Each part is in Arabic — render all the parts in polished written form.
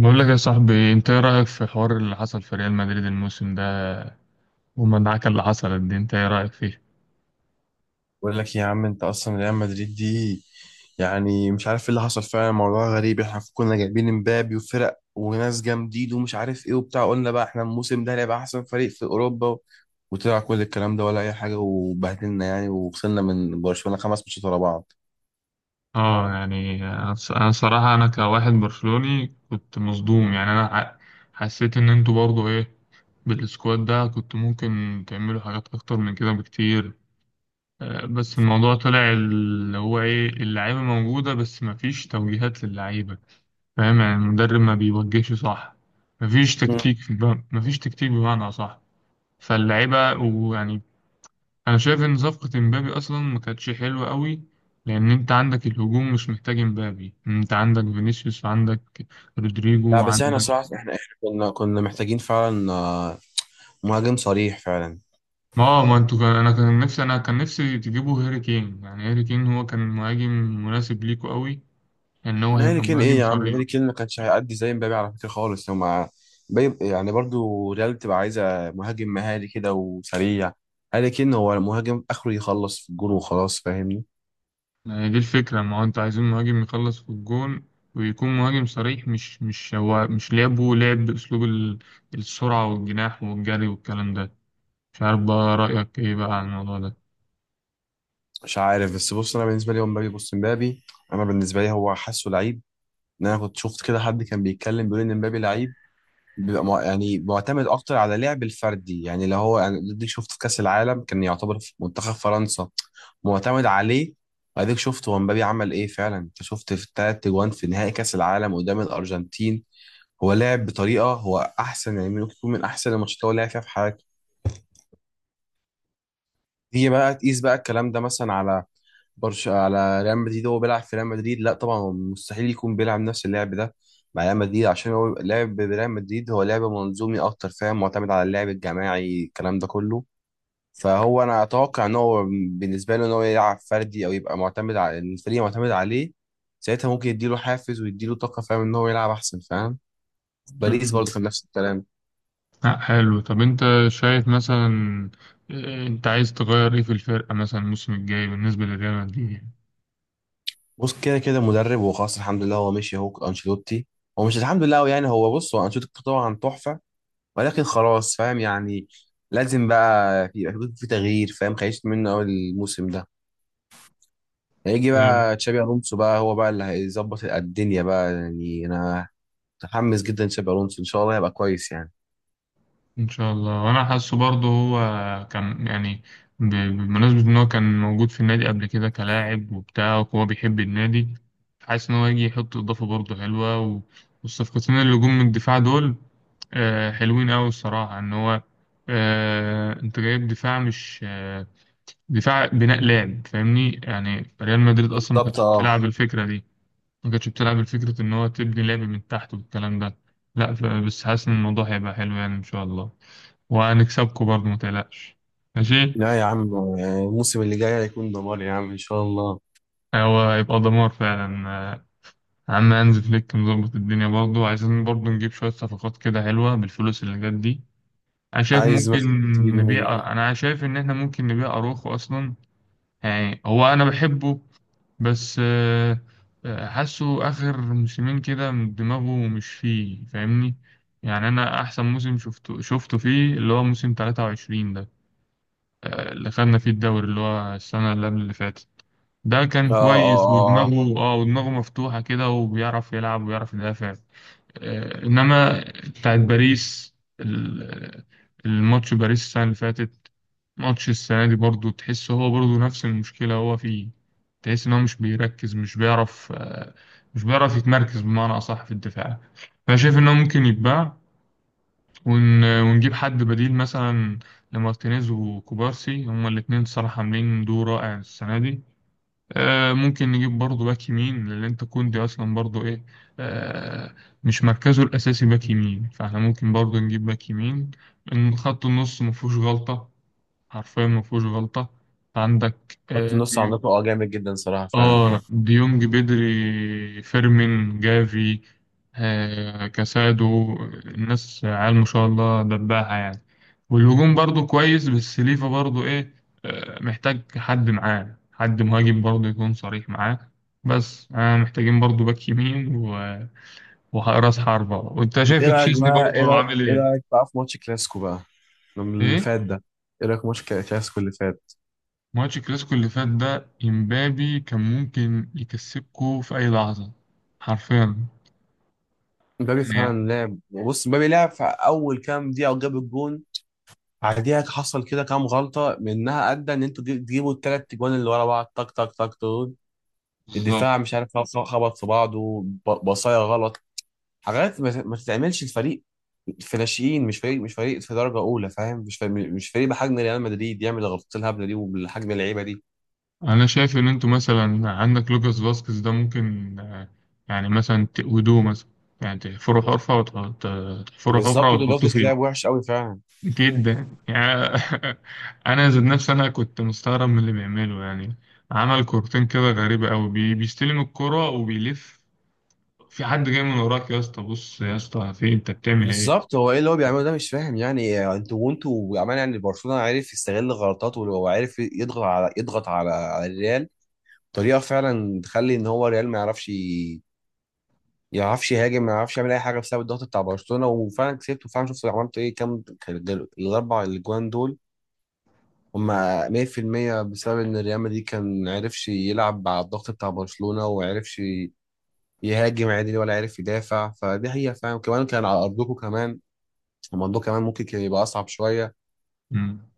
بقول لك يا صاحبي، انت ايه رأيك في حوار اللي حصل في ريال مدريد الموسم ده والمدعكة اللي حصلت دي؟ انت ايه رأيك فيه؟ بقول لك إيه يا عم، انت اصلا ريال مدريد دي يعني مش عارف ايه اللي حصل فعلا. موضوع غريب، احنا كنا جايبين امبابي وفرق وناس جامدين ومش عارف ايه وبتاع، قلنا بقى احنا الموسم ده هيبقى احسن فريق في اوروبا، وطلع كل الكلام ده ولا اي حاجه وبهدلنا يعني وخسرنا من برشلونه خمس ماتشات ورا بعض. اه، يعني انا أنا صراحة انا كواحد برشلوني كنت مصدوم. يعني انا حسيت ان انتوا برضو ايه، بالسكواد ده كنت ممكن تعملوا حاجات اكتر من كده بكتير. بس الموضوع طلع اللي هو ايه، اللعيبة موجودة بس مفيش توجيهات للعيبة. فاهم؟ يعني المدرب ما بيوجهش، صح؟ مفيش مم. تكتيك مفيش تكتيك بمعنى صح. فاللعيبة ويعني انا شايف ان صفقة امبابي اصلا ما كانتش حلوة قوي، لان انت عندك الهجوم مش محتاج امبابي، انت عندك فينيسيوس وعندك رودريجو لا بس احنا وعندك. صراحه احنا كنا محتاجين فعلا، مهاجم صريح فعلا. ما هو ما انتوا كان، انا كان نفسي، انا كان نفسي تجيبوا هاري كين. يعني هاري كين هو كان مهاجم مناسب ليكوا قوي، ان هو من هاري هيبقى كين؟ ايه مهاجم يا عم، صريح. هاري كين ما كانش هيأدي زي مبابي على فكرة خالص. هما يعني برضو ريال بتبقى عايزة مهاجم مهاري كده وسريع. هاري كين هو المهاجم اخره يخلص في الجون وخلاص، فاهمني؟ يعني دي الفكرة، ما هو انتوا عايزين مهاجم يخلص في الجون ويكون مهاجم صريح، مش مش هو مش لعبه لعب باسلوب السرعة والجناح والجري والكلام ده. مش عارف بقى رأيك ايه بقى على الموضوع مش عارف، بس بص انا بالنسبة لي هو مبابي. بص مبابي، انا بالنسبة لي هو حاسه لعيب. ان انا كنت شفت كده حد كان بيتكلم بيقول ان مبابي لعيب بيبقى يعني معتمد اكتر على لعب الفردي، يعني اللي هو يعني اديك شفت في كاس العالم كان يعتبر في منتخب فرنسا معتمد عليه. واديك شفت هو مبابي عمل ايه فعلا، انت شفت في الثلاث اجوان في نهائي كاس العالم قدام الارجنتين، هو لعب بطريقه هو احسن يعني، ممكن يكون من احسن الماتشات اللي هو لعب فيها في حياته. هي بقى تقيس بقى الكلام ده مثلا على برش، على ريال مدريد، هو بيلعب في ريال مدريد، لا طبعا هو مستحيل يكون بيلعب نفس اللعب ده مع ريال مدريد، عشان هو لعب بريال مدريد هو لعب منظومي اكتر، فاهم؟ معتمد على اللعب الجماعي الكلام ده كله. فهو انا اتوقع ان هو بالنسبه له ان هو يلعب فردي او يبقى معتمد على الفريق، معتمد عليه ساعتها ممكن يديله حافز ويديله طاقه، فاهم ان هو يلعب احسن؟ فاهم؟ ده. باريس برضه كان نفس الكلام. لا حلو، طب انت شايف مثلا، اه، انت عايز تغير ايه في الفرقة مثلا الموسم الجاي بالنسبة للريال مدريد يعني؟ بص، كده كده مدرب هو خلاص، الحمد لله هو مشي، هو انشيلوتي. هو مش الحمد لله هو يعني، هو بص، هو انشيلوتي طبعا تحفه، ولكن خلاص فاهم يعني. لازم بقى يبقى في تغيير، فاهم؟ خيشت منه اول الموسم ده. هيجي ال- بقى تشابي الونسو بقى، هو بقى اللي هيظبط الدنيا بقى، يعني انا متحمس جدا، تشابي الونسو ان شاء الله هيبقى كويس يعني. ان شاء الله. وانا حاسه برضه هو كان يعني بمناسبة ان هو كان موجود في النادي قبل كده كلاعب وبتاع وهو بيحب النادي، حاسس ان هو يجي يحط اضافة برضه حلوة. والصفقتين اللي جم من الدفاع دول، اه، حلوين قوي الصراحة. ان هو اه، انت جايب دفاع مش دفاع بناء لعب، فاهمني؟ يعني ريال مدريد اصلا ما بالظبط كانتش اه. بتلعب الفكره دي، ما كانتش بتلعب الفكره ان هو تبني لعب من تحت والكلام ده. لا ف- بس حاسس ان الموضوع هيبقى حلو يعني ان شاء الله، وهنكسبكم برضه ما تقلقش. ماشي. لا يا عم، يعني الموسم اللي جاي هيكون دمار يا عم ان شاء الله. هو هيبقى دمار فعلا. عم هانز فليك مظبط الدنيا. برضه عايزين برضه نجيب شويه صفقات كده حلوه بالفلوس اللي جت دي. انا شايف عايز ممكن مثلا تجيب مين؟ نبيع، انا شايف ان احنا ممكن نبيع اروخو اصلا. يعني هو انا بحبه، بس آه، حاسه اخر موسمين كده دماغه مش فيه، فاهمني؟ يعني انا احسن موسم شفته فيه اللي هو موسم 23 ده، اللي خدنا فيه الدوري اللي هو السنة اللي قبل اللي فاتت. ده كان اه اه كويس، اه آه. ودماغه اه، ودماغه مفتوحة كده، وبيعرف يلعب وبيعرف يدافع. انما بتاعت باريس، ال- الماتش باريس السنة اللي فاتت، ماتش السنة دي برضو، تحس هو برضو نفس المشكلة هو فيه. تحس إن هو مش بيركز، مش بيعرف مش بيعرف يتمركز بمعنى أصح في الدفاع. فأنا شايف إن هو ممكن يتباع ونجيب حد بديل مثلا لمارتينيز وكوبارسي، هما الاتنين الصراحة عاملين دور رائع السنة دي. ممكن نجيب برضو باك يمين، لأن أنت كوندي أصلا برضو إيه، آه، مش مركزه الأساسي باك يمين، فإحنا ممكن برضو نجيب باك يمين. إن خط النص مفهوش غلطة، حرفيا ما فيهوش غلطة. عندك خط آه النص ديو... عندكم اه جامد جدا صراحه فعلا. آه، ديونج، بدري، فيرمين، جافي، آه، كاسادو. الناس عيال ما شاء الله دباها يعني. والهجوم برضو كويس بس ليفا برضو إيه، آه، محتاج حد معاه، حد مهاجم برضو يكون صريح معاه. بس آه، محتاجين برضو باك يمين وراس حربة. وأنت شايف ايه رايك تشيزني بقى، ايه برضو رايك عامل ايه إيه؟ رايك بقى في ماتش كلاسيكو بقى اللي إيه؟ فات ده؟ ايه رايك في ماتش كلاسيكو اللي فات؟ ماتش الكلاسيكو اللي فات ده، امبابي كان ممكن يكسبكو في اي لحظه، حرفيا مبابي يعني. فعلا لعب، بص، مبابي لعب في اول كام دقيقه وجاب الجون. بعديها حصل كده كام غلطه منها ادى ان انتوا تجيبوا الثلاث جوان اللي ورا بعض تك تك تك دول. بالظبط. الدفاع مش عارف، خبط في بعضه، بصايا غلط، حاجات ما تتعملش. الفريق في ناشئين، مش فريق في درجه اولى، فاهم؟ مش فريق بحجم ريال مدريد يعمل الغلطات الهبله دي وبالحجم اللعيبه دي. انا شايف ان انتوا مثلا عندك لوكاس فاسكيز ده ممكن يعني مثلا تقودوه مثلا، يعني تحفروا حفره تحفروا حفره بالظبط، وجد وتحطوه بطلس فيه. لعب وحش قوي فعلا. جدا يعني. انا ذات نفسي انا كنت مستغرب من اللي بيعمله يعني. عمل كورتين كده غريبه قوي، بي بيستلم الكرة وبيلف، في حد جاي من وراك يا اسطى، بص يا اسطى في إيه؟ انت بتعمل بالظبط، هو ايه اللي هو بيعمله ده؟ مش فاهم يعني، انتوا وانتوا عمال يعني برشلونه عارف يستغل غلطاته، ولو عارف يضغط على الريال طريقه فعلا تخلي ان هو الريال ما يعرفش يعرفش يهاجم، ما يعرفش يعمل اي حاجه بسبب الضغط بتاع برشلونه. وفعلا كسبت، وفعلا شفت عملت ايه كام كان الاربع اجوان دول. هما 100% بسبب ان الريال مدريد كان عرفش يلعب على الضغط بتاع برشلونه وعرفش يهاجم عادي ولا عارف يدافع. فدي هي فعلا، كمان كان على ارضكم، كمان الموضوع كمان ممكن كان يبقى اصعب شويه. ايه؟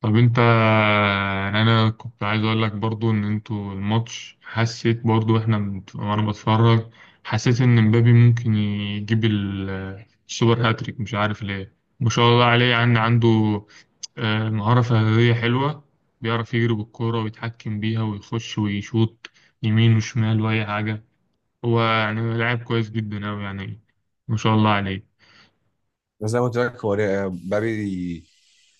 طب انت يعني انا كنت عايز اقول لك برضو ان انتوا الماتش، حسيت برضو احنا وانا بتفرج، حسيت ان مبابي ممكن يجيب السوبر هاتريك. مش عارف ليه، ما شاء الله عليه. يعني عنده مهارة فردية حلوة، بيعرف يجري بالكورة ويتحكم بيها ويخش ويشوط يمين وشمال وأي حاجة. هو يعني لاعب كويس جدا أوي يعني، ما شاء الله عليه. بس زي ما قلت لك، هو مبابي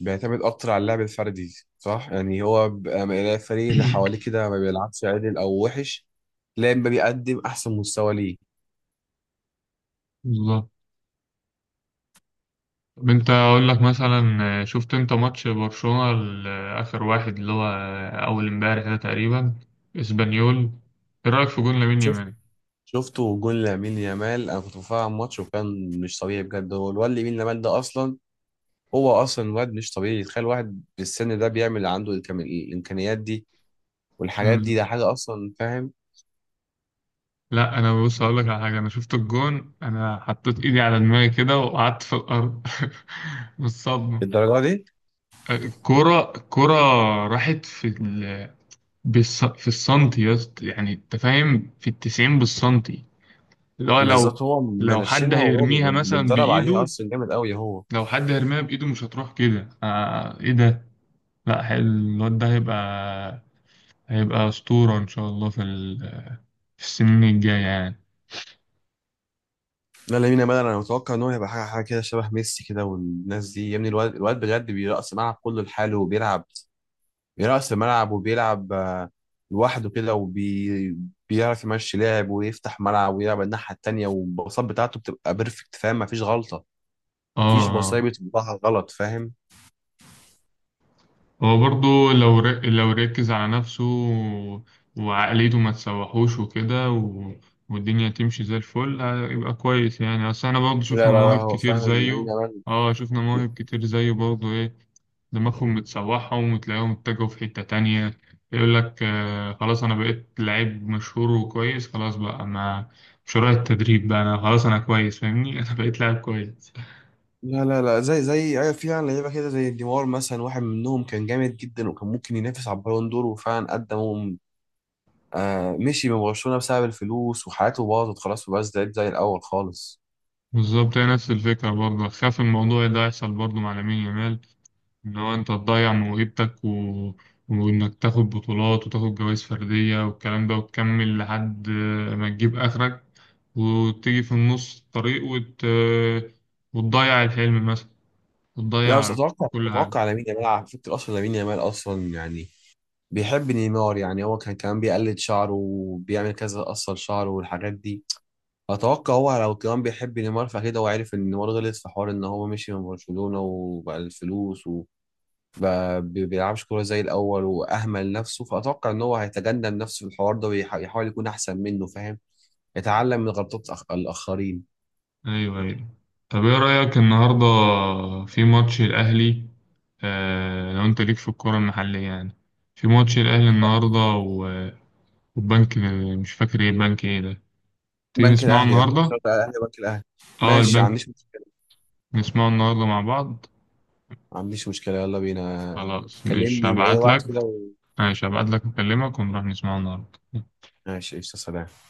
بيعتمد اكتر على اللعب الفردي صح، يعني هو الفريق اللي حواليه كده ما بيلعبش عدل او وحش، تلاقي مبابي بيقدم احسن مستوى ليه. بالظبط. طب انت اقول لك مثلا، شفت انت ماتش برشلونة اخر واحد اللي هو اول امبارح ده تقريبا، اسبانيول؟ ايه رايك في جون لامين شفت؟ يامال؟ شفته جون لامين يامال، انا كنت بتفرج على الماتش وكان مش طبيعي بجد. هو الواد لامين يامال ده اصلا، هو اصلا واد مش طبيعي، تخيل واحد بالسن ده بيعمل عنده الامكانيات دي والحاجات دي. مم. ده حاجه اصلا، فاهم؟ لا انا بص اقول لك على حاجه، انا شفت الجون انا حطيت ايدي على دماغي كده وقعدت في الارض من الصدمه. الدرجه دي. الكرة، الكرة راحت في في السنتي يا اسطى، يعني انت فاهم، في التسعين بالسنتي. اللي هو لو، بالظبط، هو لو حد منشنها وهو هيرميها مثلا متدرب عليها بإيده، اصلا، جامد قوي هو. لو حد هرميها بإيده مش هتروح كده، آه إيه ده! لا حل- الواد ده هيبقى، هيبقى أسطورة إن شاء الله في في السنين الجاية يعني. لا لامين يامال انا متوقع ان هو هيبقى حاجه كده شبه ميسي كده والناس دي، يا ابني الواد بجد بيرقص الملعب كله لحاله وبيلعب. بيرقص الملعب وبيلعب، لوحده كده، وبي بيعرف يمشي لاعب ويفتح ملعب ويلعب الناحيه التانيه، والباصات بتاعته بتبقى بيرفكت، فاهم؟ مفيش غلطه، آه مفيش بصايه آه. بتطلعها غلط، فاهم؟ هو برضو لو لو ركز على نفسه وعقليته ما تسوحوش وكده والدنيا تمشي زي الفل هيبقى كويس. يعني أصل احنا برضو لا شفنا لا لا مواهب هو كتير فعلا لامين زيه، يامال. اه، شفنا مواهب كتير زيه برضو ايه، دماغهم متسوحهم وتلاقيهم اتجهوا في حتة تانية. يقول لك آه خلاص أنا بقيت لعيب مشهور وكويس خلاص بقى، ما مش رايح التدريب بقى، أنا خلاص أنا كويس فاهمني أنا بقيت لاعب كويس. لا لا لا، زي ايوه فعلا لعيبه كده زي ديمار مثلا، واحد منهم كان جامد جدا وكان ممكن ينافس على البالون دور وفعلا قدم، آه، مشي من برشلونه بسبب الفلوس وحياته باظت خلاص وبقى زي الاول خالص. بالظبط، هي نفس الفكرة، برضه خاف الموضوع ده يحصل برضه مع لامين يامال، إن هو أنت تضيع موهبتك وإنك تاخد بطولات وتاخد جوائز فردية والكلام ده، وتكمل لحد ما تجيب آخرك، وتيجي في النص الطريق وتضيع الحلم مثلا، لا بس بتضيع اتوقع كل حاجة. اتوقع لامين يامال، على فكره اصلا لامين يامال اصلا يعني بيحب نيمار، يعني هو كان كمان بيقلد شعره وبيعمل كذا قصر شعره والحاجات دي. اتوقع هو لو كمان بيحب نيمار، فاكيد هو عارف ان نيمار غلط في حوار ان هو مشي من برشلونه وبقى الفلوس ما بي- بيلعبش كورة زي الأول وأهمل نفسه. فأتوقع إن هو هيتجنب نفسه في الحوار ده ويحاول يكون أحسن منه، فاهم؟ يتعلم من غلطات الآخرين. أيوه أيوه. طب إيه رأيك النهاردة في ماتش الأهلي؟ آه لو أنت ليك في الكورة المحلية يعني، في ماتش الأهلي النهاردة و- والبنك، مش فاكر إيه البنك إيه ده، تيجي بنك نسمعه الأهلي أكيد، النهاردة؟ شرط الأهلي بنك الأهلي. أه ماشي، ما البنك، عنديش مشكلة. نسمعه النهاردة مع بعض. ما عنديش مشكلة، يلا بينا. خلاص مش كلمني أي هبعتلك، وقت كده و... ماشي هبعتلك أكلمك ونروح نسمعه النهاردة. ماشي، قشطة، سلام.